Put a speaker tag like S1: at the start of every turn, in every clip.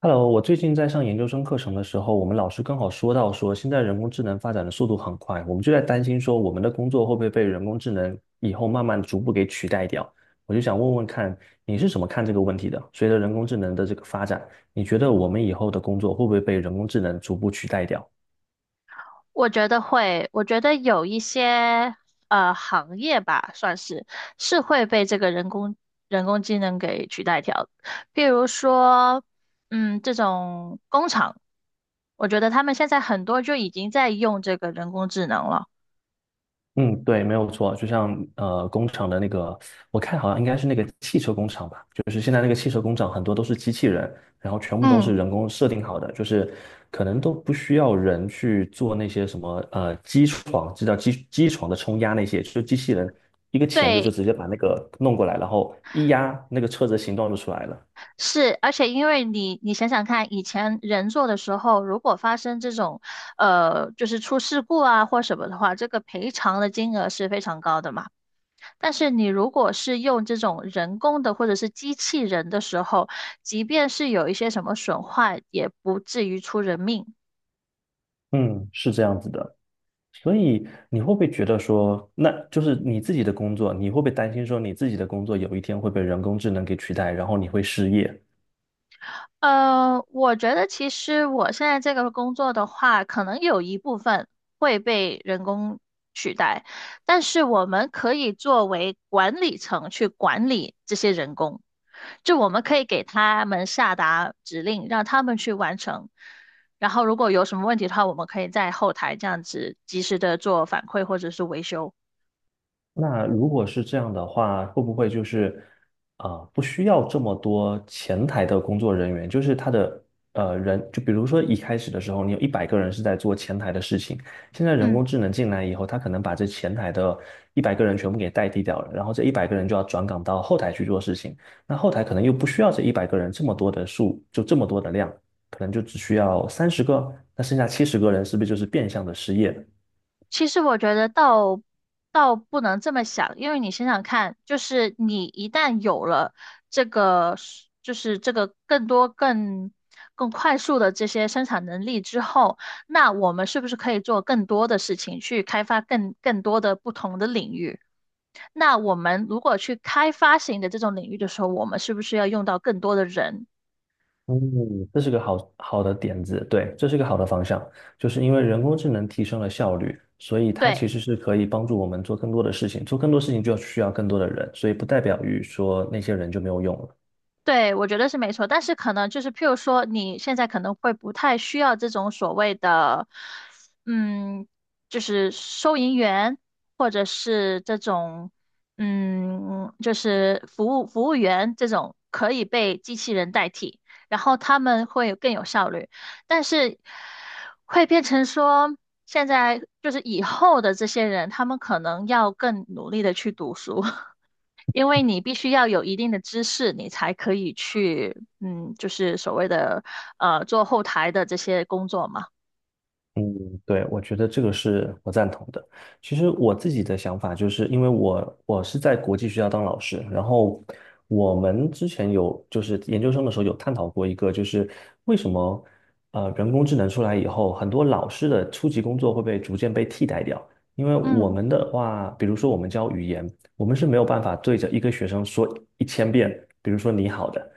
S1: Hello，我最近在上研究生课程的时候，我们老师刚好说到说，现在人工智能发展的速度很快，我们就在担心说，我们的工作会不会被人工智能以后慢慢逐步给取代掉？我就想问问看，你是怎么看这个问题的？随着人工智能的这个发展，你觉得我们以后的工作会不会被人工智能逐步取代掉？
S2: 我觉得会，我觉得有一些行业吧，算是是会被这个人工智能给取代掉的。比如说，这种工厂，我觉得他们现在很多就已经在用这个人工智能了。
S1: 嗯，对，没有错，就像工厂的那个，我看好像应该是那个汽车工厂吧，就是现在那个汽车工厂很多都是机器人，然后全部都
S2: 嗯。
S1: 是人工设定好的，就是可能都不需要人去做那些什么机床，知叫机床的冲压那些，就是机器人一个钳子就
S2: 对。
S1: 直接把那个弄过来，然后一压，那个车子形状就出来了。
S2: 是，而且因为你想想看，以前人做的时候，如果发生这种就是出事故啊或什么的话，这个赔偿的金额是非常高的嘛。但是你如果是用这种人工的或者是机器人的时候，即便是有一些什么损坏，也不至于出人命。
S1: 嗯，是这样子的。所以你会不会觉得说，那就是你自己的工作，你会不会担心说你自己的工作有一天会被人工智能给取代，然后你会失业？
S2: 我觉得其实我现在这个工作的话，可能有一部分会被人工取代，但是我们可以作为管理层去管理这些人工，就我们可以给他们下达指令，让他们去完成。然后如果有什么问题的话，我们可以在后台这样子及时的做反馈或者是维修。
S1: 那如果是这样的话，会不会就是不需要这么多前台的工作人员？就是他的人，就比如说一开始的时候，你有一百个人是在做前台的事情，现在人
S2: 嗯。
S1: 工智能进来以后，他可能把这前台的一百个人全部给代替掉了，然后这一百个人就要转岗到后台去做事情，那后台可能又不需要这一百个人这么多的数，就这么多的量，可能就只需要30个，那剩下70个人是不是就是变相的失业了？
S2: 其实我觉得倒不能这么想，因为你想想看，就是你一旦有了就是这个更多、更快速的这些生产能力之后，那我们是不是可以做更多的事情，去开发更多的不同的领域？那我们如果去开发型的这种领域的时候，我们是不是要用到更多的人？
S1: 嗯，这是个好好的点子，对，这是个好的方向，就是因为人工智能提升了效率，所以它其
S2: 对。
S1: 实是可以帮助我们做更多的事情，做更多事情就需要更多的人，所以不代表于说那些人就没有用了。
S2: 对，我觉得是没错，但是可能就是，譬如说，你现在可能会不太需要这种所谓的，嗯，就是收银员，或者是这种，嗯，就是服务员这种可以被机器人代替，然后他们会更有效率，但是会变成说，现在就是以后的这些人，他们可能要更努力的去读书。因为你必须要有一定的知识，你才可以去，嗯，就是所谓的做后台的这些工作嘛。
S1: 嗯，对，我觉得这个是我赞同的。其实我自己的想法就是，因为我是在国际学校当老师，然后我们之前有就是研究生的时候有探讨过一个，就是为什么人工智能出来以后，很多老师的初级工作会被逐渐被替代掉。因为我
S2: 嗯。
S1: 们的话，比如说我们教语言，我们是没有办法对着一个学生说一千遍，比如说你好的。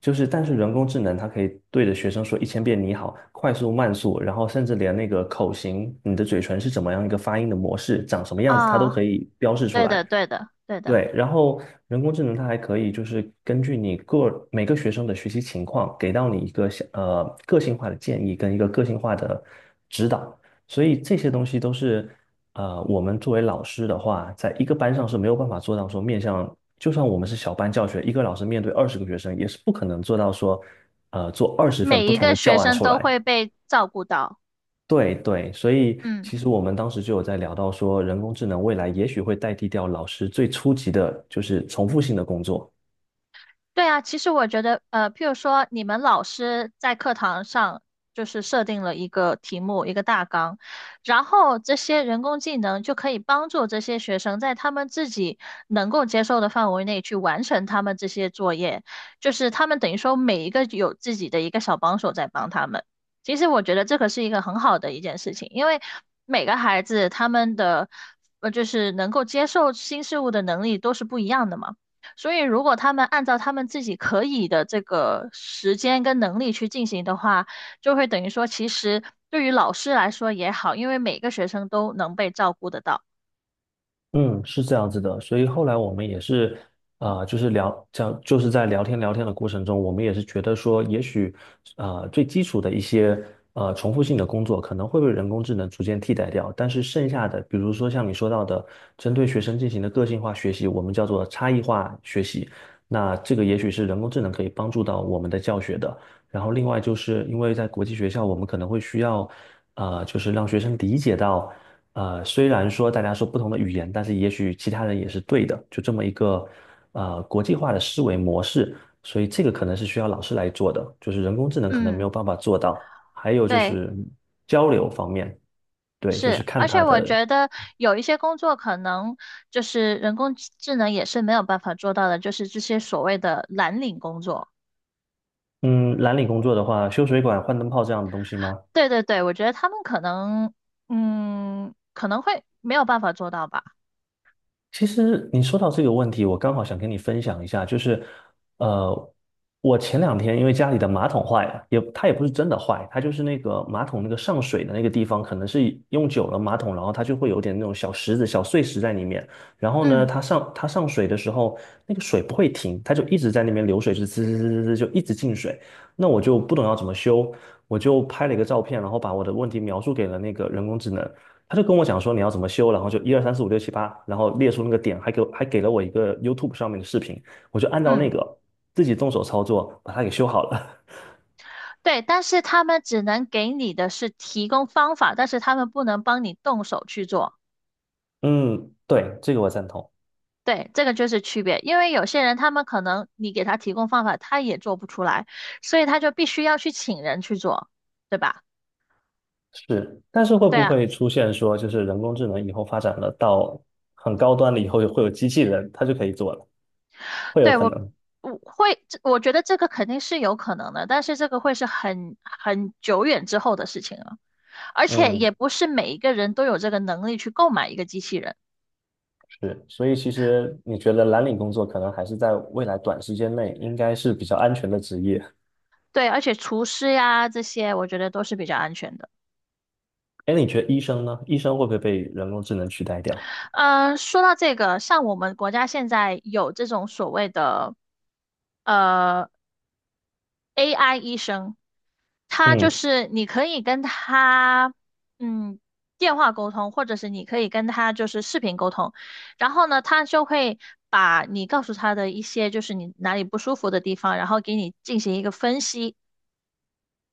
S1: 就是，但是人工智能它可以对着学生说一千遍你好，快速、慢速，然后甚至连那个口型，你的嘴唇是怎么样一个发音的模式，长什么样子，它都可
S2: 啊，
S1: 以标示出
S2: 对的，
S1: 来。
S2: 对的，对的，
S1: 对，然后人工智能它还可以就是根据每个学生的学习情况，给到你一个像个性化的建议跟一个个性化的指导，所以这些东西都是我们作为老师的话，在一个班上是没有办法做到说面向，就算我们是小班教学，一个老师面对20个学生，也是不可能做到说做20份
S2: 每
S1: 不
S2: 一
S1: 同
S2: 个
S1: 的教
S2: 学
S1: 案
S2: 生
S1: 出
S2: 都
S1: 来。
S2: 会被照顾到。
S1: 对对，所以
S2: 嗯。
S1: 其实我们当时就有在聊到说，人工智能未来也许会代替掉老师最初级的，就是重复性的工作。
S2: 对啊，其实我觉得，譬如说，你们老师在课堂上就是设定了一个题目、一个大纲，然后这些人工技能就可以帮助这些学生在他们自己能够接受的范围内去完成他们这些作业，就是他们等于说每一个有自己的一个小帮手在帮他们。其实我觉得这个是一个很好的一件事情，因为每个孩子他们的就是能够接受新事物的能力都是不一样的嘛。所以，如果他们按照他们自己可以的这个时间跟能力去进行的话，就会等于说，其实对于老师来说也好，因为每个学生都能被照顾得到。
S1: 嗯，是这样子的，所以后来我们也是，就是聊，这样就是在聊天聊天的过程中，我们也是觉得说，也许，最基础的一些重复性的工作可能会被人工智能逐渐替代掉，但是剩下的，比如说像你说到的，针对学生进行的个性化学习，我们叫做差异化学习，那这个也许是人工智能可以帮助到我们的教学的。然后另外就是因为在国际学校，我们可能会需要，就是让学生理解到。虽然说大家说不同的语言，但是也许其他人也是对的，就这么一个国际化的思维模式，所以这个可能是需要老师来做的，就是人工智能可能没
S2: 嗯。
S1: 有办法做到。还有就
S2: 对。
S1: 是交流方面，对，就是
S2: 是。
S1: 看
S2: 而
S1: 他
S2: 且我
S1: 的，
S2: 觉得有一些工作可能就是人工智能也是没有办法做到的，就是这些所谓的蓝领工作。
S1: 嗯，蓝领工作的话，修水管、换灯泡这样的东西吗？
S2: 对对对，我觉得他们可能，嗯，可能会没有办法做到吧。
S1: 其实你说到这个问题，我刚好想跟你分享一下，就是，呃，我前两天因为家里的马桶坏了，它也不是真的坏，它就是那个马桶那个上水的那个地方，可能是用久了马桶，然后它就会有点那种小石子、小碎石在里面。然后呢，
S2: 嗯
S1: 它上水的时候，那个水不会停，它就一直在那边流水，是滋滋滋滋滋就一直进水。那我就不懂要怎么修，我就拍了一个照片，然后把我的问题描述给了那个人工智能。他就跟我讲说你要怎么修，然后就一二三四五六七八，然后列出那个点，还给了我一个 YouTube 上面的视频，我就按照
S2: 嗯。
S1: 那个自己动手操作把它给修好了。
S2: 对，但是他们只能给你的是提供方法，但是他们不能帮你动手去做。
S1: 嗯，对，这个我赞同。
S2: 对，这个就是区别，因为有些人他们可能你给他提供方法，他也做不出来，所以他就必须要去请人去做，对吧？
S1: 是，但是会
S2: 对
S1: 不
S2: 啊。
S1: 会出现说，就是人工智能以后发展了到很高端了以后，会有机器人，它就可以做了，会有
S2: 对，
S1: 可
S2: 我
S1: 能。
S2: 我会，这我觉得这个肯定是有可能的，但是这个会是很久远之后的事情了，而且也
S1: 嗯，
S2: 不是每一个人都有这个能力去购买一个机器人。
S1: 是，所以其实你觉得蓝领工作可能还是在未来短时间内应该是比较安全的职业。
S2: 对，而且厨师呀这些，我觉得都是比较安全的。
S1: 哎，你觉得医生呢？医生会不会被人工智能取代掉？
S2: 说到这个，像我们国家现在有这种所谓的呃 AI 医生，他就
S1: 嗯
S2: 是你可以跟他嗯电话沟通，或者是你可以跟他就是视频沟通，然后呢，他就会把你告诉他的一些就是你哪里不舒服的地方，然后给你进行一个分析，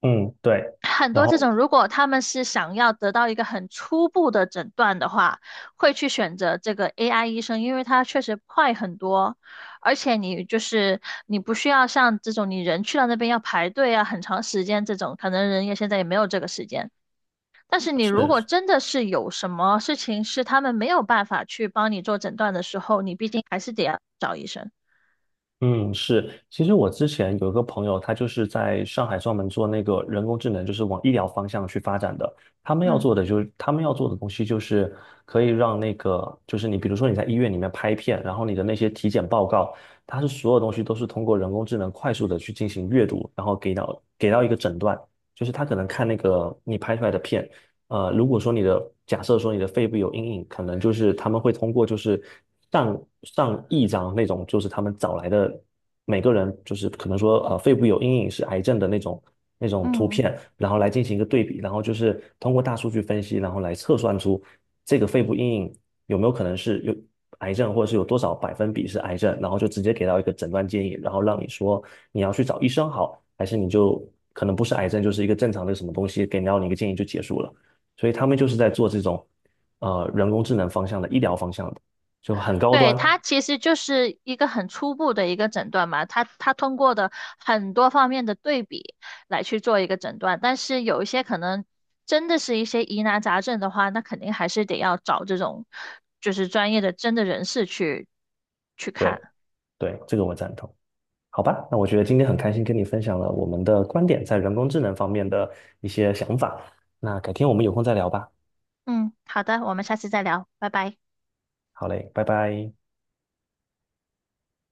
S1: 嗯，对，
S2: 很
S1: 然
S2: 多这
S1: 后
S2: 种，如果他们是想要得到一个很初步的诊断的话，会去选择这个 AI 医生，因为它确实快很多，而且你就是你不需要像这种你人去到那边要排队啊，很长时间这种，可能人家现在也没有这个时间。但是你如
S1: 是，
S2: 果真的是有什么事情是他们没有办法去帮你做诊断的时候，你毕竟还是得要找医生。
S1: 嗯是，其实我之前有一个朋友，他就是在上海专门做那个人工智能，就是往医疗方向去发展的。他们要
S2: 嗯
S1: 做的就是，他们要做的东西就是可以让那个，就是你比如说你在医院里面拍片，然后你的那些体检报告，它是所有东西都是通过人工智能快速的去进行阅读，然后给到一个诊断，就是他可能看那个你拍出来的片。如果说你的假设说你的肺部有阴影，可能就是他们会通过就是上亿张那种，就是他们找来的每个人就是可能说肺部有阴影是癌症的那种图
S2: 嗯。
S1: 片，然后来进行一个对比，然后就是通过大数据分析，然后来测算出这个肺部阴影有没有可能是有癌症，或者是有多少百分比是癌症，然后就直接给到一个诊断建议，然后让你说你要去找医生好，还是你就可能不是癌症，就是一个正常的什么东西，给到你一个建议就结束了。所以他们就是在做这种人工智能方向的医疗方向的，就很高
S2: 对，
S1: 端。
S2: 它其实就是一个很初步的一个诊断嘛，它通过的很多方面的对比来去做一个诊断，但是有一些可能真的是一些疑难杂症的话，那肯定还是得要找这种就是专业的真的人士去
S1: 对
S2: 看。
S1: 对，这个我赞同。好吧，那我觉得今天很开心跟你分享了我们的观点在人工智能方面的一些想法。那改天我们有空再聊吧。
S2: 嗯，好的，我们下次再聊，拜拜。
S1: 好嘞，拜拜。